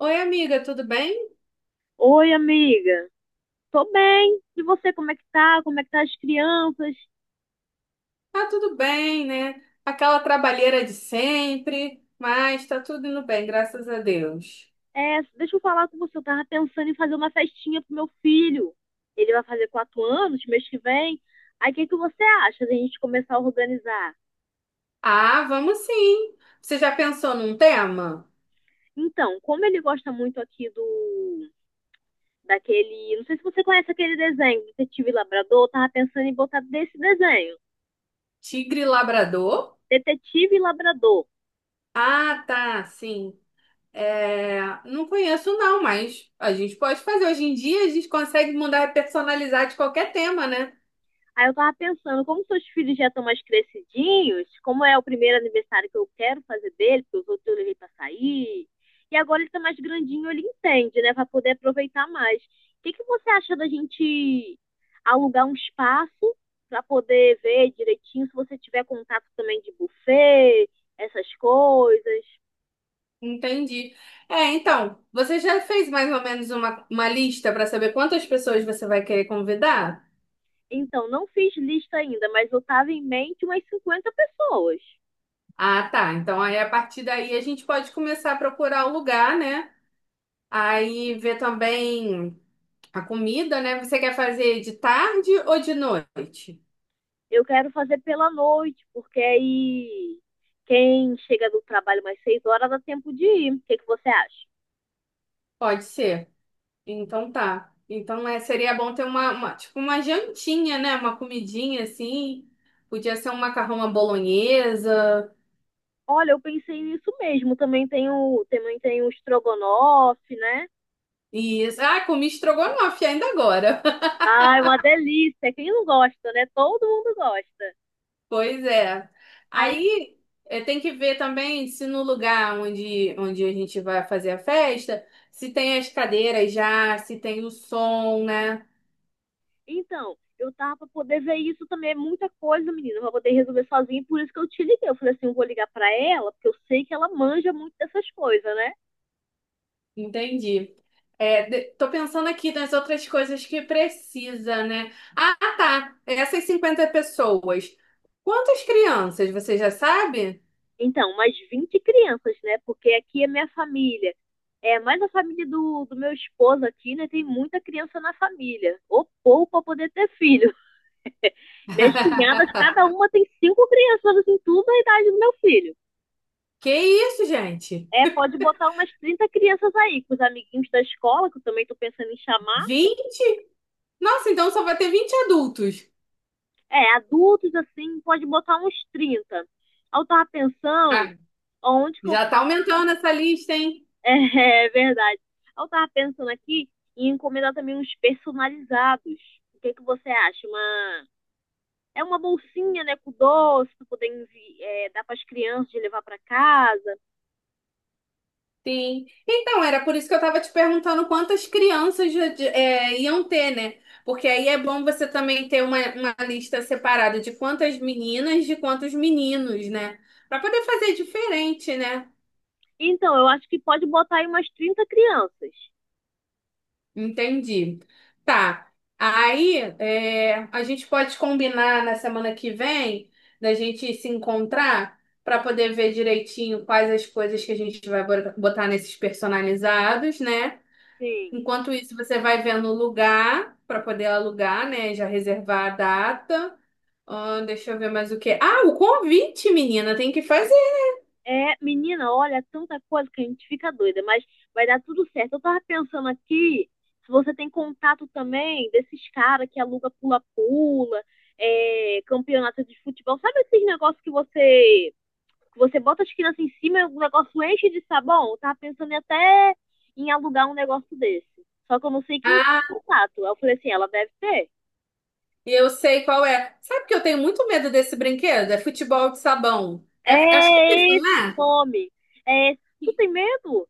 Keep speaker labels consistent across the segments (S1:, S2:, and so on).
S1: Oi, amiga, tudo bem?
S2: Oi, amiga. Tô bem. E você, como é que tá? Como é que tá as crianças?
S1: Tá tudo bem, né? Aquela trabalheira de sempre, mas tá tudo indo bem, graças a Deus.
S2: É, deixa eu falar com você. Eu tava pensando em fazer uma festinha pro meu filho. Ele vai fazer 4 anos mês que vem. Aí, o que que você acha da gente começar a organizar?
S1: Ah, vamos sim. Você já pensou num tema?
S2: Então, como ele gosta muito aqui do daquele, não sei se você conhece aquele desenho, Detetive Labrador, eu tava pensando em botar desse desenho,
S1: Tigre labrador?
S2: Detetive Labrador.
S1: Ah, tá, sim. É, não conheço não, mas a gente pode fazer. Hoje em dia a gente consegue mudar e personalizar de qualquer tema, né?
S2: Aí eu tava pensando, como seus filhos já estão mais crescidinhos, como é o primeiro aniversário que eu quero fazer dele, porque os outros eu levei pra sair, e agora ele tá mais grandinho, ele entende, né, pra poder aproveitar mais. O que que você acha da gente alugar um espaço pra poder ver direitinho, se você tiver contato também de buffet, essas coisas?
S1: Entendi. É, então, você já fez mais ou menos uma lista para saber quantas pessoas você vai querer convidar?
S2: Então, não fiz lista ainda, mas eu tava em mente umas 50 pessoas.
S1: Ah, tá. Então aí a partir daí a gente pode começar a procurar o lugar, né? Aí ver também a comida, né? Você quer fazer de tarde ou de noite?
S2: Eu quero fazer pela noite, porque aí quem chega do trabalho mais 6 horas dá tempo de ir. O que, que você acha?
S1: Pode ser. Então tá. Então é, seria bom ter tipo uma jantinha, né? Uma comidinha assim. Podia ser um macarrão à bolonhesa.
S2: Olha, eu pensei nisso mesmo. Também tem o estrogonofe, né?
S1: Isso. Ah, comi estrogonofe ainda agora.
S2: Ai, uma delícia. Quem não gosta, né? Todo mundo gosta.
S1: Pois é.
S2: Aí,
S1: Aí tem que ver também se no lugar onde a gente vai fazer a festa, se tem as cadeiras já, se tem o som, né?
S2: então, eu tava pra poder ver isso também. É muita coisa, menina, pra poder resolver sozinha. Por isso que eu te liguei. Eu falei assim, eu vou ligar pra ela, porque eu sei que ela manja muito dessas coisas, né?
S1: Entendi. É, tô pensando aqui nas outras coisas que precisa, né? Ah, tá. Essas 50 pessoas. Quantas crianças, você já sabe?
S2: Então, umas 20 crianças, né? Porque aqui é minha família. É, mais a família do meu esposo aqui, né? Tem muita criança na família. Ou pouco para poder ter filho. Minhas cunhadas, cada uma tem 5 crianças, assim, tudo a idade do meu filho.
S1: Que isso, gente?
S2: É, pode botar umas 30 crianças aí, com os amiguinhos da escola, que eu também tô pensando em chamar.
S1: 20 Nossa, então só vai ter 20 adultos.
S2: É, adultos, assim, pode botar uns 30. Aí eu tava pensando
S1: Ah,
S2: onde que eu
S1: já tá aumentando essa lista, hein?
S2: é, verdade. Eu tava pensando aqui em encomendar também uns personalizados. O que que você acha? Uma... é uma bolsinha, né, com doce, pra poder dar pras crianças de levar para casa.
S1: Sim. Então, era por isso que eu estava te perguntando quantas crianças é, iam ter, né? Porque aí é bom você também ter uma lista separada de quantas meninas, de quantos meninos, né? Para poder fazer diferente, né?
S2: Então, eu acho que pode botar aí umas 30 crianças.
S1: Entendi. Tá. Aí, é, a gente pode combinar na semana que vem da gente se encontrar para poder ver direitinho quais as coisas que a gente vai botar nesses personalizados, né?
S2: Sim.
S1: Enquanto isso, você vai vendo o lugar para poder alugar, né? Já reservar a data. Ah, deixa eu ver mais o que. Ah, o convite, menina, tem que fazer.
S2: É, menina, olha, tanta coisa que a gente fica doida, mas vai dar tudo certo. Eu tava pensando aqui, se você tem contato também desses caras que aluga pula-pula, campeonato de futebol, sabe esses negócios que você bota as crianças em cima e o negócio enche de sabão? Eu tava pensando em até em alugar um negócio desse. Só que eu não sei quem tem
S1: Ah,
S2: contato. Aí eu falei assim, ela deve ter.
S1: eu sei qual é. Sabe que eu tenho muito medo desse brinquedo? É futebol de sabão. É, acho que é isso,
S2: É esse
S1: não é?
S2: nome. É, tu tem medo?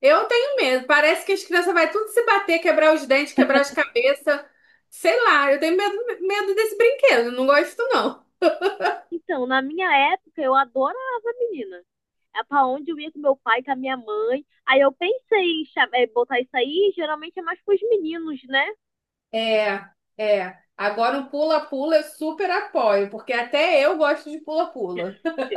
S1: Eu tenho medo. Parece que as crianças vão tudo se bater, quebrar os dentes, quebrar as cabeças. Sei lá, eu tenho medo desse brinquedo. Não gosto, não.
S2: Então, na minha época, eu adorava, menina. É pra onde eu ia com meu pai, com a minha mãe. Aí eu pensei em botar isso aí, geralmente é mais pros meninos, né?
S1: É, é. Agora o pula-pula eu super apoio, porque até eu gosto de pula-pula.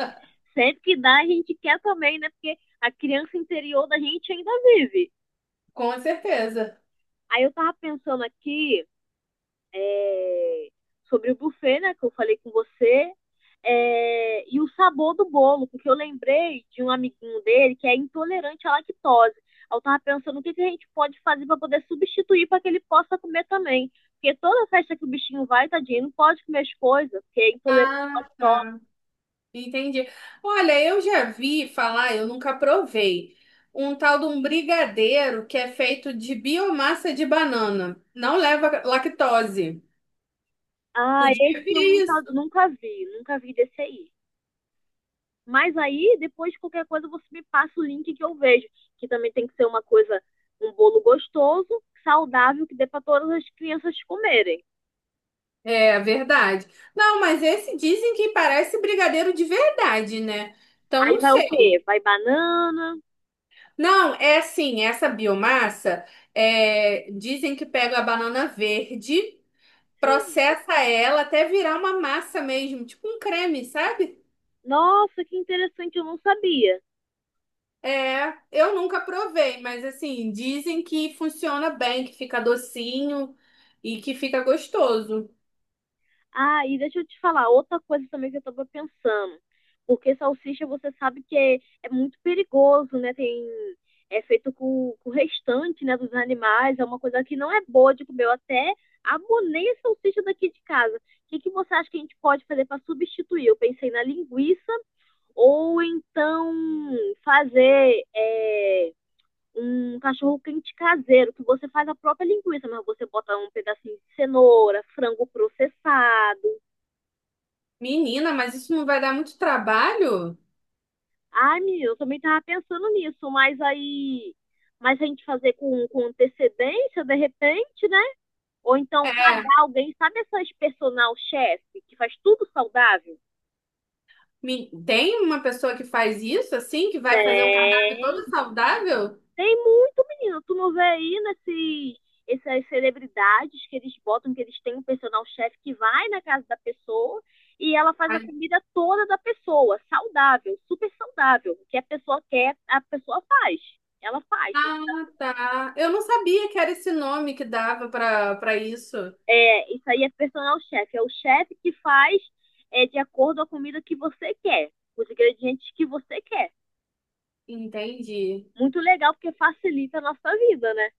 S2: Sempre que dá, a gente quer também, né? Porque a criança interior da gente ainda vive.
S1: Com certeza.
S2: Aí eu tava pensando aqui é, sobre o buffet, né, que eu falei com você, e o sabor do bolo, porque eu lembrei de um amiguinho dele que é intolerante à lactose. Eu estava pensando o que, que a gente pode fazer para poder substituir para que ele possa comer também. Porque toda festa que o bichinho vai, tadinho, não pode comer as coisas, porque é intolerante à
S1: Ah,
S2: lactose.
S1: tá. Entendi. Olha, eu já vi falar, eu nunca provei, um tal de um brigadeiro que é feito de biomassa de banana. Não leva lactose.
S2: Ah,
S1: Podia
S2: esse
S1: vir
S2: eu nunca,
S1: isso.
S2: nunca vi, nunca vi desse aí. Mas aí, depois de qualquer coisa, você me passa o link que eu vejo. Que também tem que ser uma coisa, um bolo gostoso, saudável, que dê para todas as crianças comerem.
S1: É verdade. Não, mas esse dizem que parece brigadeiro de verdade, né? Então
S2: Aí
S1: não
S2: vai o
S1: sei.
S2: quê? Vai banana.
S1: Não, é assim, essa biomassa, é, dizem que pega a banana verde,
S2: Sim.
S1: processa ela até virar uma massa mesmo, tipo um creme, sabe?
S2: Nossa, que interessante, eu não sabia.
S1: É, eu nunca provei, mas assim, dizem que funciona bem, que fica docinho e que fica gostoso.
S2: Ah, e deixa eu te falar, outra coisa também que eu tava pensando. Porque salsicha você sabe que é, é muito perigoso, né? Tem, é feito com o restante, né, dos animais, é uma coisa que não é boa de comer. Eu até abonei a salsicha daqui de casa. O que que você acha que a gente pode fazer para substituir? Eu pensei na linguiça ou então fazer um cachorro quente caseiro, que você faz a própria linguiça, mas você bota um pedacinho de cenoura, frango processado.
S1: Menina, mas isso não vai dar muito trabalho?
S2: Ai, menino, eu também tava pensando nisso, mas aí. Mas a gente fazer com antecedência, de repente, né? Ou então
S1: É,
S2: pagar alguém, sabe essas personal chef que faz tudo saudável?
S1: tem uma pessoa que faz isso assim, que vai fazer um cardápio
S2: Tem,
S1: todo saudável?
S2: tem muito, menino. Tu não vê aí nesses, essas celebridades que eles botam, que eles têm um personal chef que vai na casa da pessoa e ela faz a comida toda da pessoa, saudável, super saudável, o que a pessoa quer, a pessoa faz. Ela faz,
S1: Ah, tá. Eu não sabia que era esse nome que dava pra para isso.
S2: é, isso aí é personal chef. É o chefe que faz de acordo com a comida que você quer, os ingredientes que você quer.
S1: Entendi.
S2: Muito legal, porque facilita a nossa vida, né?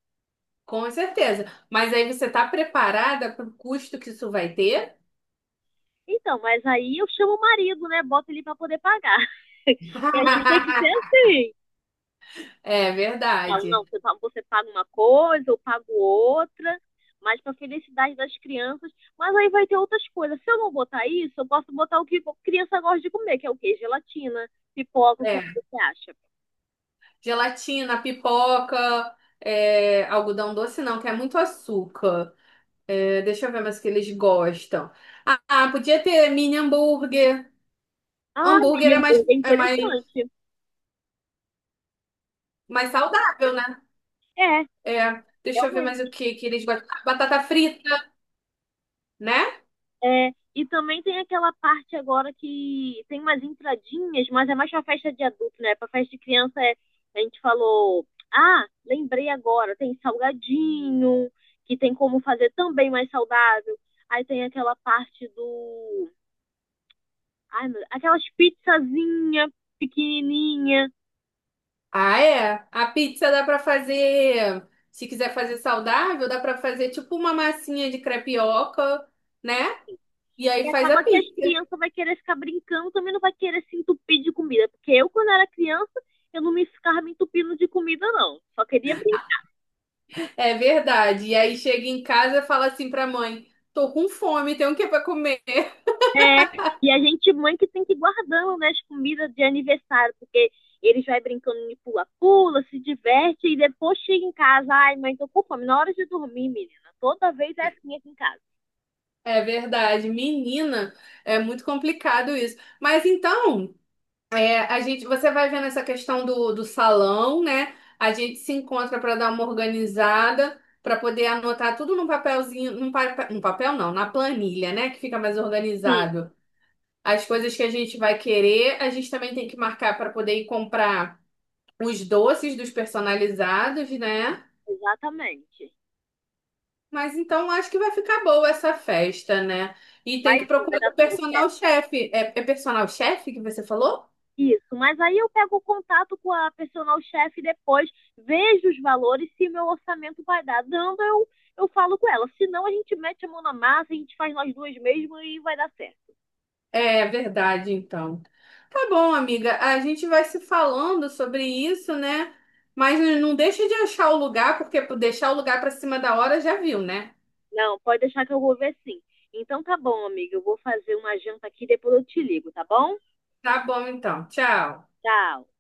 S1: Com certeza. Mas aí você tá preparada pro custo que isso vai ter?
S2: Então, mas aí eu chamo o marido, né? Bota ele para poder pagar. Que a gente tem que ser assim.
S1: É
S2: Falo,
S1: verdade.
S2: não, você paga uma coisa, eu pago outra, mas para felicidade das crianças. Mas aí vai ter outras coisas. Se eu não botar isso, eu posso botar o que a criança gosta de comer, que é o quê? Gelatina, pipoca, o que que
S1: É.
S2: você acha?
S1: Gelatina, pipoca, é, algodão doce não, que é muito açúcar. É, deixa eu ver mais o que eles gostam. Ah, podia ter mini hambúrguer.
S2: Ah,
S1: Hambúrguer
S2: mini
S1: é mais,
S2: hambúrguer é
S1: é mais,
S2: interessante.
S1: mais saudável, né?
S2: É,
S1: É. Deixa eu ver mais o
S2: realmente.
S1: que que eles gostam. Ah, batata frita, né?
S2: É, e também tem aquela parte agora que tem umas entradinhas, mas é mais pra festa de adulto, né? Pra festa de criança é, a gente falou, ah, lembrei agora, tem salgadinho, que tem como fazer também mais saudável. Aí tem aquela parte do, ai, meu, aquelas pizzazinha pequenininha.
S1: Ah, é. A pizza dá pra fazer, se quiser fazer saudável, dá pra fazer tipo uma massinha de crepioca, né? E aí
S2: E
S1: faz a
S2: acaba que as
S1: pizza.
S2: crianças vai querer ficar brincando, também não vai querer se entupir de comida. Porque eu, quando era criança, eu não me ficava me entupindo de comida, não. Só queria brincar.
S1: É verdade. E aí chega em casa e fala assim pra mãe: "Tô com fome, tem o que pra comer?"
S2: É, e a gente, mãe, que tem que ir guardando, né, as comidas de aniversário, porque eles vai brincando de pula-pula, se diverte, e depois chega em casa, ai, mãe, tô com fome. Na hora de dormir, menina, toda vez é assim aqui em casa.
S1: É verdade. Menina, é muito complicado isso. Mas então, a gente, você vai vendo essa questão do salão, né? A gente se encontra para dar uma organizada, para poder anotar tudo num papelzinho, num papel não, na planilha, né? Que fica mais
S2: Sim,
S1: organizado. As coisas que a gente vai querer, a gente também tem que marcar para poder ir comprar os doces dos personalizados, né?
S2: exatamente.
S1: Mas então acho que vai ficar boa essa festa, né? E tem que
S2: Mas sim, vai
S1: procurar o
S2: dar tudo
S1: personal
S2: certo.
S1: chefe. É, é personal chefe que você falou?
S2: Isso, mas aí eu pego o contato com a personal chefe depois, vejo os valores, se meu orçamento vai dar dando, eu falo com ela. Se não, a gente mete a mão na massa, a gente faz nós duas mesmo e vai dar certo.
S1: É verdade, então. Tá bom, amiga. A gente vai se falando sobre isso, né? Mas não deixa de achar o lugar, porque por deixar o lugar pra cima da hora já viu, né?
S2: Não, pode deixar que eu vou ver sim. Então tá bom, amiga, eu vou fazer uma janta aqui, depois eu te ligo, tá bom?
S1: Tá bom, então. Tchau.
S2: Tchau.